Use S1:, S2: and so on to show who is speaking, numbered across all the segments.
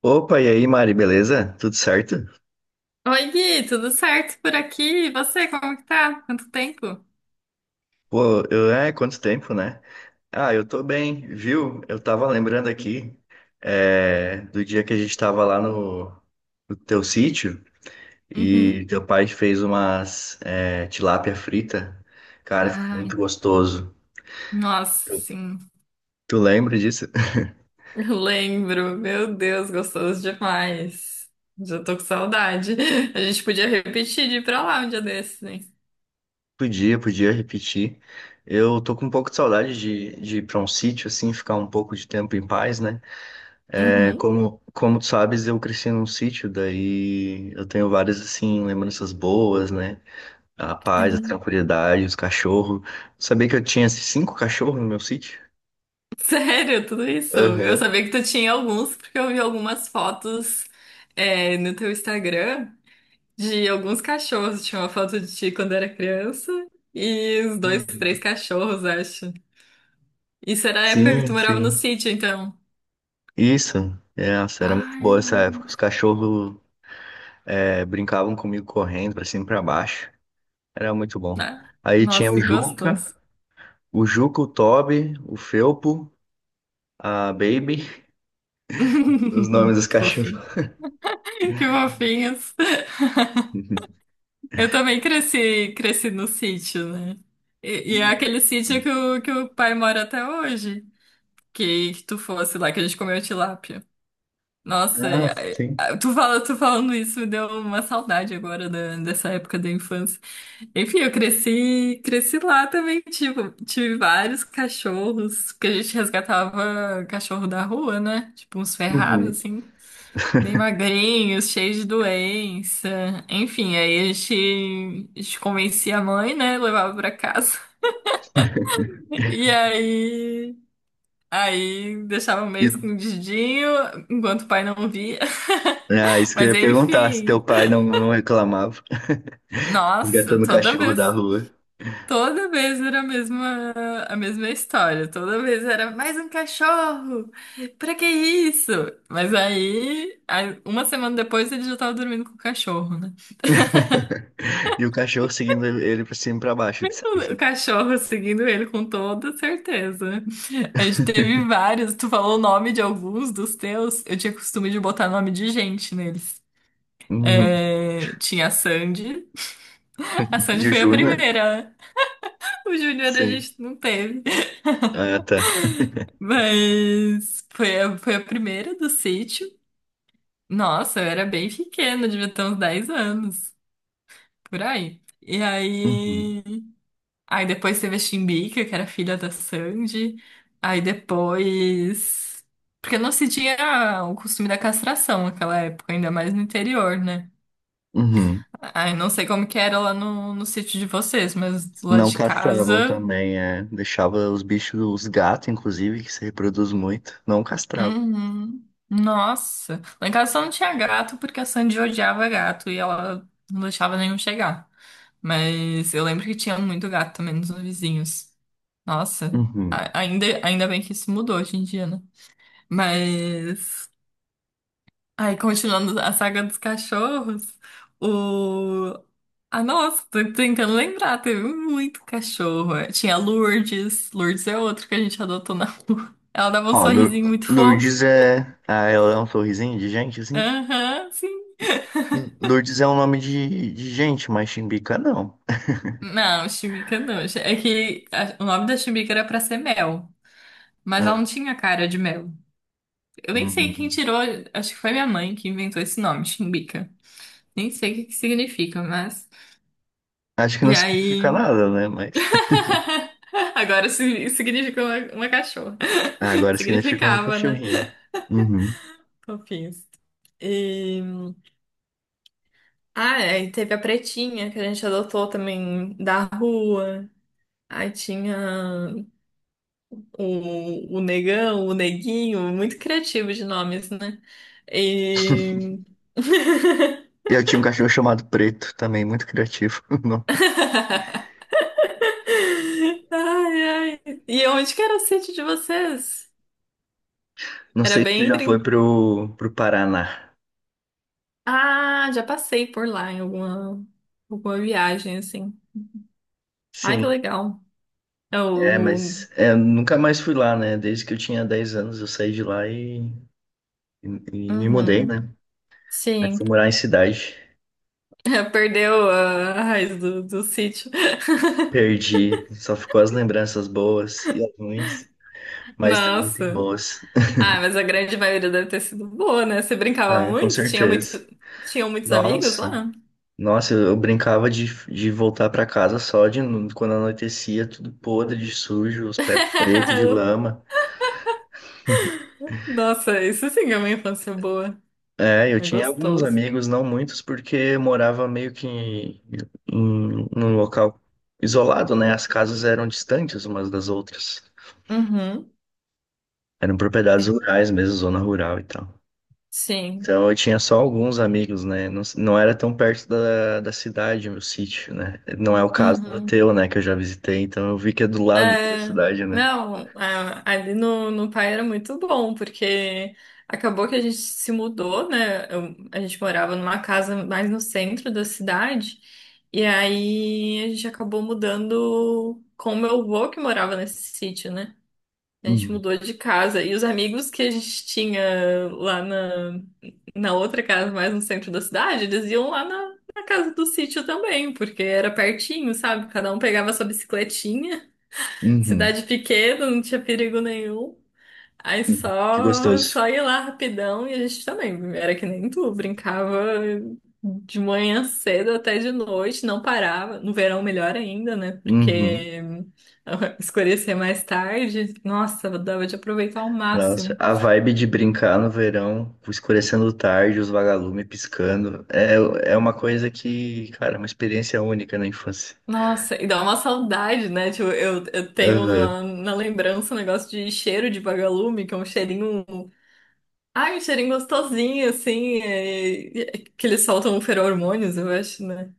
S1: Opa, e aí, Mari, beleza? Tudo certo?
S2: Oi, Gui, tudo certo por aqui? E você, como que tá? Quanto tempo?
S1: Pô, eu, quanto tempo, né? Ah, eu tô bem, viu? Eu tava lembrando aqui, do dia que a gente tava lá no teu sítio e
S2: Uhum.
S1: teu pai fez umas, tilápia frita. Cara, ficou
S2: Ai,
S1: muito gostoso.
S2: nossa,
S1: Tu
S2: sim.
S1: tu lembra disso?
S2: Eu lembro. Meu Deus, gostoso demais. Já tô com saudade. A gente podia repetir de ir pra lá um dia desses, né?
S1: Podia repetir. Eu tô com um pouco de saudade de ir pra um sítio, assim, ficar um pouco de tempo em paz, né? É,
S2: Uhum,
S1: como tu sabes, eu cresci num sítio, daí eu tenho várias, assim, lembranças boas, né? A paz, a
S2: sim.
S1: tranquilidade, os cachorros. Sabia que eu tinha assim, cinco cachorros no meu sítio?
S2: Sério, tudo isso. Eu
S1: Aham.
S2: sabia que tu tinha alguns, porque eu vi algumas fotos, no teu Instagram de alguns cachorros. Tinha uma foto de ti quando era criança e os dois, três
S1: Uhum.
S2: cachorros, acho. Isso era a época que tu
S1: Sim,
S2: morava no
S1: sim.
S2: sítio, então.
S1: Isso. É, nossa, era muito boa
S2: Ai,
S1: essa época. Os cachorros brincavam comigo correndo pra cima e pra baixo. Era muito bom.
S2: né?
S1: Aí tinha
S2: Nossa,
S1: o
S2: que
S1: Juca,
S2: gostoso.
S1: o Toby, o Felpo, a Baby, os nomes dos
S2: Que
S1: cachorros.
S2: fofinho. Que fofinhos. Eu também cresci no sítio, né? E é aquele sítio que o pai mora até hoje. Que tu fosse lá, que a gente comeu tilápia. Nossa,
S1: Ah, sim.
S2: tu falando isso me deu uma saudade agora dessa época da infância. Enfim, eu cresci lá também, tipo, tive vários cachorros, porque a gente resgatava cachorro da rua, né? Tipo, uns ferrados,
S1: Uhum.
S2: assim, bem magrinhos, cheios de doença. Enfim, aí a gente convencia a mãe, né? Levava pra casa. E aí, deixava meio
S1: E,
S2: escondidinho, enquanto o pai não via.
S1: ah, isso que eu
S2: Mas
S1: ia perguntar, se teu
S2: enfim.
S1: pai não reclamava,
S2: Nossa,
S1: resgatando o
S2: toda
S1: cachorro da
S2: vez,
S1: rua.
S2: toda vez era a mesma história, toda vez era mais um cachorro, pra que isso? Mas aí, uma semana depois ele já tava dormindo com o cachorro, né?
S1: E o cachorro seguindo ele pra cima e pra baixo, tu sabe,
S2: O
S1: né?
S2: cachorro seguindo ele com toda certeza. A gente teve vários, tu falou o nome de alguns dos teus, eu tinha costume de botar nome de gente neles.
S1: Uhum.
S2: É, tinha a Sandy
S1: E o
S2: foi a
S1: Júnior?
S2: primeira, né? O Júnior a
S1: Sim.
S2: gente não teve.
S1: Ah, tá.
S2: Mas foi a primeira do sítio. Nossa, eu era bem pequena, devia ter uns 10 anos, por aí. E
S1: Uhum.
S2: aí. Aí depois teve a Chimbica, que era filha da Sandy. Aí depois. Porque não se tinha o costume da castração naquela época, ainda mais no interior, né?
S1: Uhum.
S2: Aí não sei como que era lá no sítio de vocês, mas lá
S1: Não
S2: de
S1: castravam
S2: casa.
S1: também, é. Deixava os bichos, os gatos, inclusive, que se reproduz muito, não castravam.
S2: Uhum. Nossa, lá em casa só não tinha gato porque a Sandy odiava gato e ela não deixava nenhum chegar. Mas eu lembro que tinha muito gato também nos vizinhos. Nossa,
S1: Uhum.
S2: ainda bem que isso mudou hoje em dia, né? Mas, aí continuando a saga dos cachorros, o... Ah, nossa, tô tentando lembrar, teve muito cachorro. Tinha a Lourdes, Lourdes é outro que a gente adotou na rua. Ela dava um
S1: Ó, Lour-
S2: sorrisinho muito fofo.
S1: Lourdes é. Ah, ela é um sorrisinho de gente, assim.
S2: Aham, sim.
S1: Lourdes é um nome de gente, mas Chimbica não.
S2: Não, chimica não. É que o nome da chimica era pra ser Mel, mas ela
S1: É.
S2: não tinha cara de Mel. Eu nem sei quem
S1: Uhum.
S2: tirou, acho que foi minha mãe que inventou esse nome, Chibica. Nem sei o que que significa, mas.
S1: Acho que não
S2: E
S1: significa
S2: aí.
S1: nada, né? Mas.
S2: Agora significa uma cachorra.
S1: Ah, agora significa uma
S2: Significava, né?
S1: cachorrinha. Uhum.
S2: Fofinhos. E... Ah, e teve a Pretinha, que a gente adotou também da rua. Aí tinha o negão, o neguinho, muito criativo de nomes, né? E...
S1: Eu tinha um cachorro chamado Preto também, muito criativo. Não,
S2: Ai, ai. E onde que era o sítio de vocês?
S1: não
S2: Era
S1: sei se tu
S2: bem...
S1: já
S2: brin-
S1: foi pro Paraná.
S2: Ah, já passei por lá em alguma viagem, assim. Ai, que
S1: Sim,
S2: legal. Eu, no...
S1: mas nunca mais fui lá, né? Desde que eu tinha 10 anos eu saí de lá e, e me mudei,
S2: Uhum.
S1: né? Aí
S2: Sim,
S1: fui morar em cidade.
S2: perdeu a raiz do sítio.
S1: Perdi, só ficou as lembranças boas e as ruins, mas também tem
S2: Nossa.
S1: boas.
S2: Ah, mas a grande maioria deve ter sido boa, né? Você brincava
S1: Ah, com
S2: muito?
S1: certeza.
S2: Tinham muitos amigos
S1: Nossa,
S2: lá?
S1: nossa, eu brincava de voltar pra casa só de no- quando anoitecia, tudo podre de sujo, os pés pretos de lama.
S2: Nossa, isso sim é uma infância boa.
S1: É, eu
S2: É
S1: tinha alguns
S2: gostoso.
S1: amigos, não muitos, porque eu morava meio que em, num local isolado, né? As casas eram distantes umas das outras.
S2: Uhum.
S1: Eram propriedades
S2: É,
S1: rurais mesmo, zona rural e tal.
S2: sim.
S1: Então eu tinha só alguns amigos, né? Não, não era tão perto da cidade, meu sítio, né? Não é o caso do
S2: Uhum.
S1: teu, né? Que eu já visitei, então eu vi que é do lado da
S2: É,
S1: cidade, né?
S2: não, ali no, Pai era muito bom, porque acabou que a gente se mudou, né? A gente morava numa casa mais no centro da cidade, e aí a gente acabou mudando com o meu avô que morava nesse sítio, né? A gente
S1: Uhum.
S2: mudou de casa e os amigos que a gente tinha lá na outra casa, mais no centro da cidade, eles iam lá na casa do sítio também, porque era pertinho, sabe? Cada um pegava sua bicicletinha,
S1: Uhum.
S2: cidade pequena, não tinha perigo nenhum. Aí
S1: Uhum. Que
S2: só,
S1: gostoso.
S2: só ia lá rapidão e a gente também era que nem tu, brincava de manhã cedo até de noite, não parava. No verão, melhor ainda, né?
S1: Uhum.
S2: Porque escurecer mais tarde, nossa, dava de aproveitar ao
S1: Nossa,
S2: máximo.
S1: a vibe de brincar no verão, escurecendo tarde, os vagalumes piscando, é uma coisa que, cara, é uma experiência única na infância.
S2: Nossa, e dá uma saudade, né? Tipo, eu tenho
S1: Uhum.
S2: na lembrança um negócio de cheiro de vagalume, que é um cheirinho. Ai, um cheirinho gostosinho, assim, é que eles soltam feromônios, eu acho, né?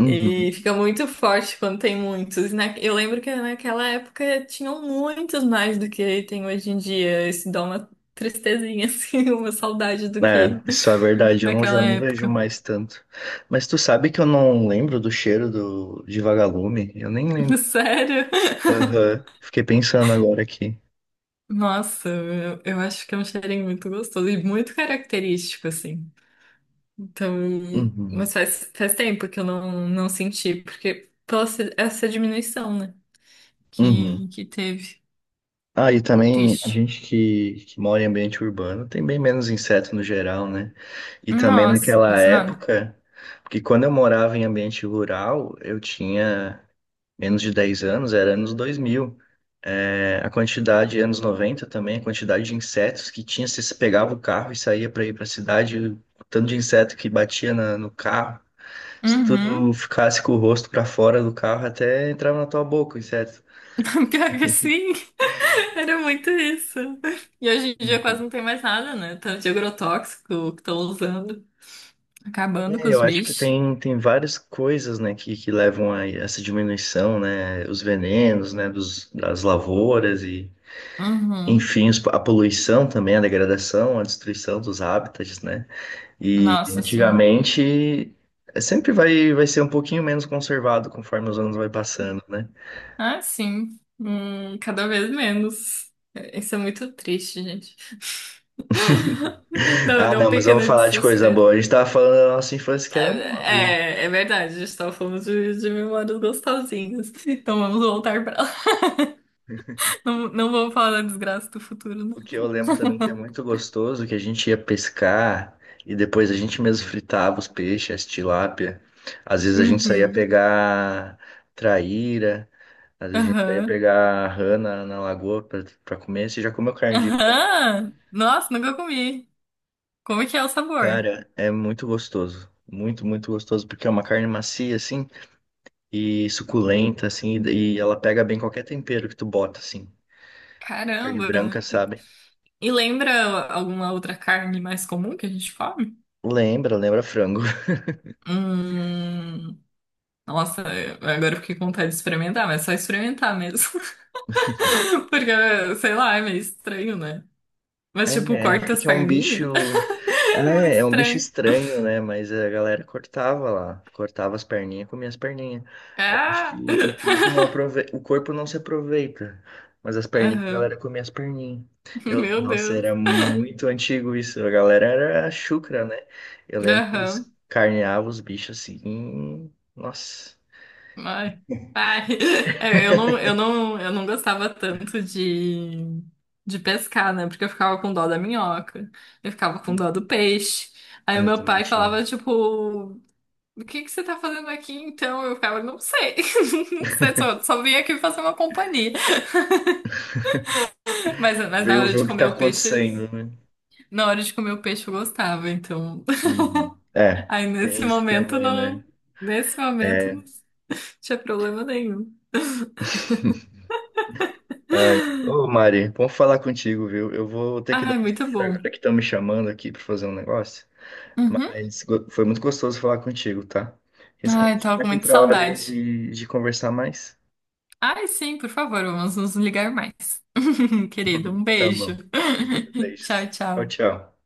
S1: Uhum.
S2: E fica muito forte quando tem muitos. Eu lembro que naquela época tinham muitos mais do que tem hoje em dia. Isso dá uma tristezinha, assim, uma saudade do
S1: É,
S2: que
S1: isso é verdade, eu não, já
S2: naquela
S1: não vejo
S2: época.
S1: mais tanto. Mas tu sabe que eu não lembro do cheiro do, de vagalume? Eu nem lembro.
S2: Sério?
S1: Aham, fiquei pensando agora aqui.
S2: Nossa, eu acho que é um cheirinho muito gostoso e muito característico, assim. Então,
S1: Uhum,
S2: mas faz tempo que eu não senti, porque pela essa diminuição, né? Que,
S1: uhum.
S2: que teve.
S1: Ah, e também a
S2: Triste.
S1: gente que mora em ambiente urbano tem bem menos inseto no geral, né? E também
S2: Nossa,
S1: naquela
S2: quase nada.
S1: época, porque quando eu morava em ambiente rural, eu tinha menos de 10 anos, era anos 2000. É, a quantidade, anos 90 também, a quantidade de insetos que tinha, você se pegava o carro e saía para ir para a cidade, o tanto de inseto que batia no carro, se
S2: Uhum.
S1: tu ficasse com o rosto para fora do carro, até entrava na tua boca o inseto.
S2: Pior que sim, era muito isso. E hoje em dia quase
S1: Uhum.
S2: não tem mais nada, né? Tanto de agrotóxico que estão usando, acabando
S1: É,
S2: com
S1: eu
S2: os
S1: acho que
S2: bichos.
S1: tem várias coisas, né, que levam a essa diminuição, né, os venenos, né, dos, das lavouras e,
S2: Uhum.
S1: enfim, a poluição também, a degradação, a destruição dos hábitats, né. E
S2: Nossa, sim.
S1: antigamente sempre vai ser um pouquinho menos conservado conforme os anos vai passando, né?
S2: Ah, sim. Cada vez menos. É, isso é muito triste, gente. Não,
S1: Ah,
S2: deu um
S1: não, mas vamos
S2: pequeno
S1: falar de coisa
S2: desespero.
S1: boa. A gente tava falando da nossa infância que era boa, viu?
S2: É verdade, a gente estava falando de memórias gostosinhas. Então vamos voltar para lá. Não, não vou falar da desgraça do futuro, não.
S1: O que eu lembro também que é muito gostoso, que a gente ia pescar e depois a gente mesmo fritava os peixes, as tilápia. Às vezes a gente saía
S2: Uhum.
S1: pegar traíra, às vezes a gente saía
S2: Aham.
S1: pegar rana na lagoa pra comer. Você já comeu carne de...
S2: Aham. Nossa, nunca comi. Como é que é o sabor?
S1: Cara, é muito gostoso. Muito, muito gostoso, porque é uma carne macia, assim, e suculenta, assim, e ela pega bem qualquer tempero que tu bota, assim. Carne branca,
S2: Caramba.
S1: sabe?
S2: E lembra alguma outra carne mais comum que a gente come?
S1: Lembra frango.
S2: Hum. Nossa, agora eu fiquei com vontade de experimentar, mas é só experimentar mesmo. Porque, sei lá, é meio estranho, né? Mas, tipo,
S1: É,
S2: corta
S1: é
S2: as
S1: que é um
S2: perninhas.
S1: bicho.
S2: É muito
S1: É um bicho
S2: estranho.
S1: estranho, né? Mas a galera cortava lá. Cortava as perninhas, comia as perninhas. Aí eu acho que
S2: Ah!
S1: o corpo não se aproveita. Mas as perninhas, a
S2: Aham.
S1: galera comia as perninhas.
S2: Meu
S1: Nossa,
S2: Deus.
S1: era muito antigo isso. A galera era chucra, né? Eu lembro que eles
S2: Aham.
S1: carneavam os bichos assim. Nossa.
S2: Ai, ai. É, eu não gostava tanto de pescar, né? Porque eu ficava com dó da minhoca, eu ficava com dó do peixe.
S1: Ah,
S2: Aí o
S1: eu
S2: meu
S1: também
S2: pai
S1: tinha.
S2: falava, tipo, o que que você tá fazendo aqui então? Eu ficava, não sei, não sei, só vim aqui fazer uma companhia. Mas
S1: Ver,
S2: na
S1: o-
S2: hora
S1: ver
S2: de
S1: o que tá
S2: comer o peixe,
S1: acontecendo, né?
S2: na hora de comer o peixe eu gostava, então.
S1: Uhum. É,
S2: Aí
S1: tem
S2: nesse
S1: isso
S2: momento
S1: também, né?
S2: não, nesse momento
S1: É.
S2: não tinha problema nenhum.
S1: Ai, ô Mari, bom falar contigo, viu? Eu vou ter que dar
S2: Ai,
S1: uma
S2: muito
S1: saída
S2: bom.
S1: agora que estão me chamando aqui para fazer um negócio,
S2: Uhum.
S1: mas foi muito gostoso falar contigo, tá? Quem sabe
S2: Ai,
S1: a gente
S2: tava com
S1: marca
S2: muita
S1: outra hora aí
S2: saudade.
S1: de conversar mais?
S2: Ai, sim, por favor, vamos nos ligar mais. Querido, um
S1: Tá
S2: beijo.
S1: bom. Beijos.
S2: Tchau,
S1: Tchau,
S2: tchau.
S1: tchau.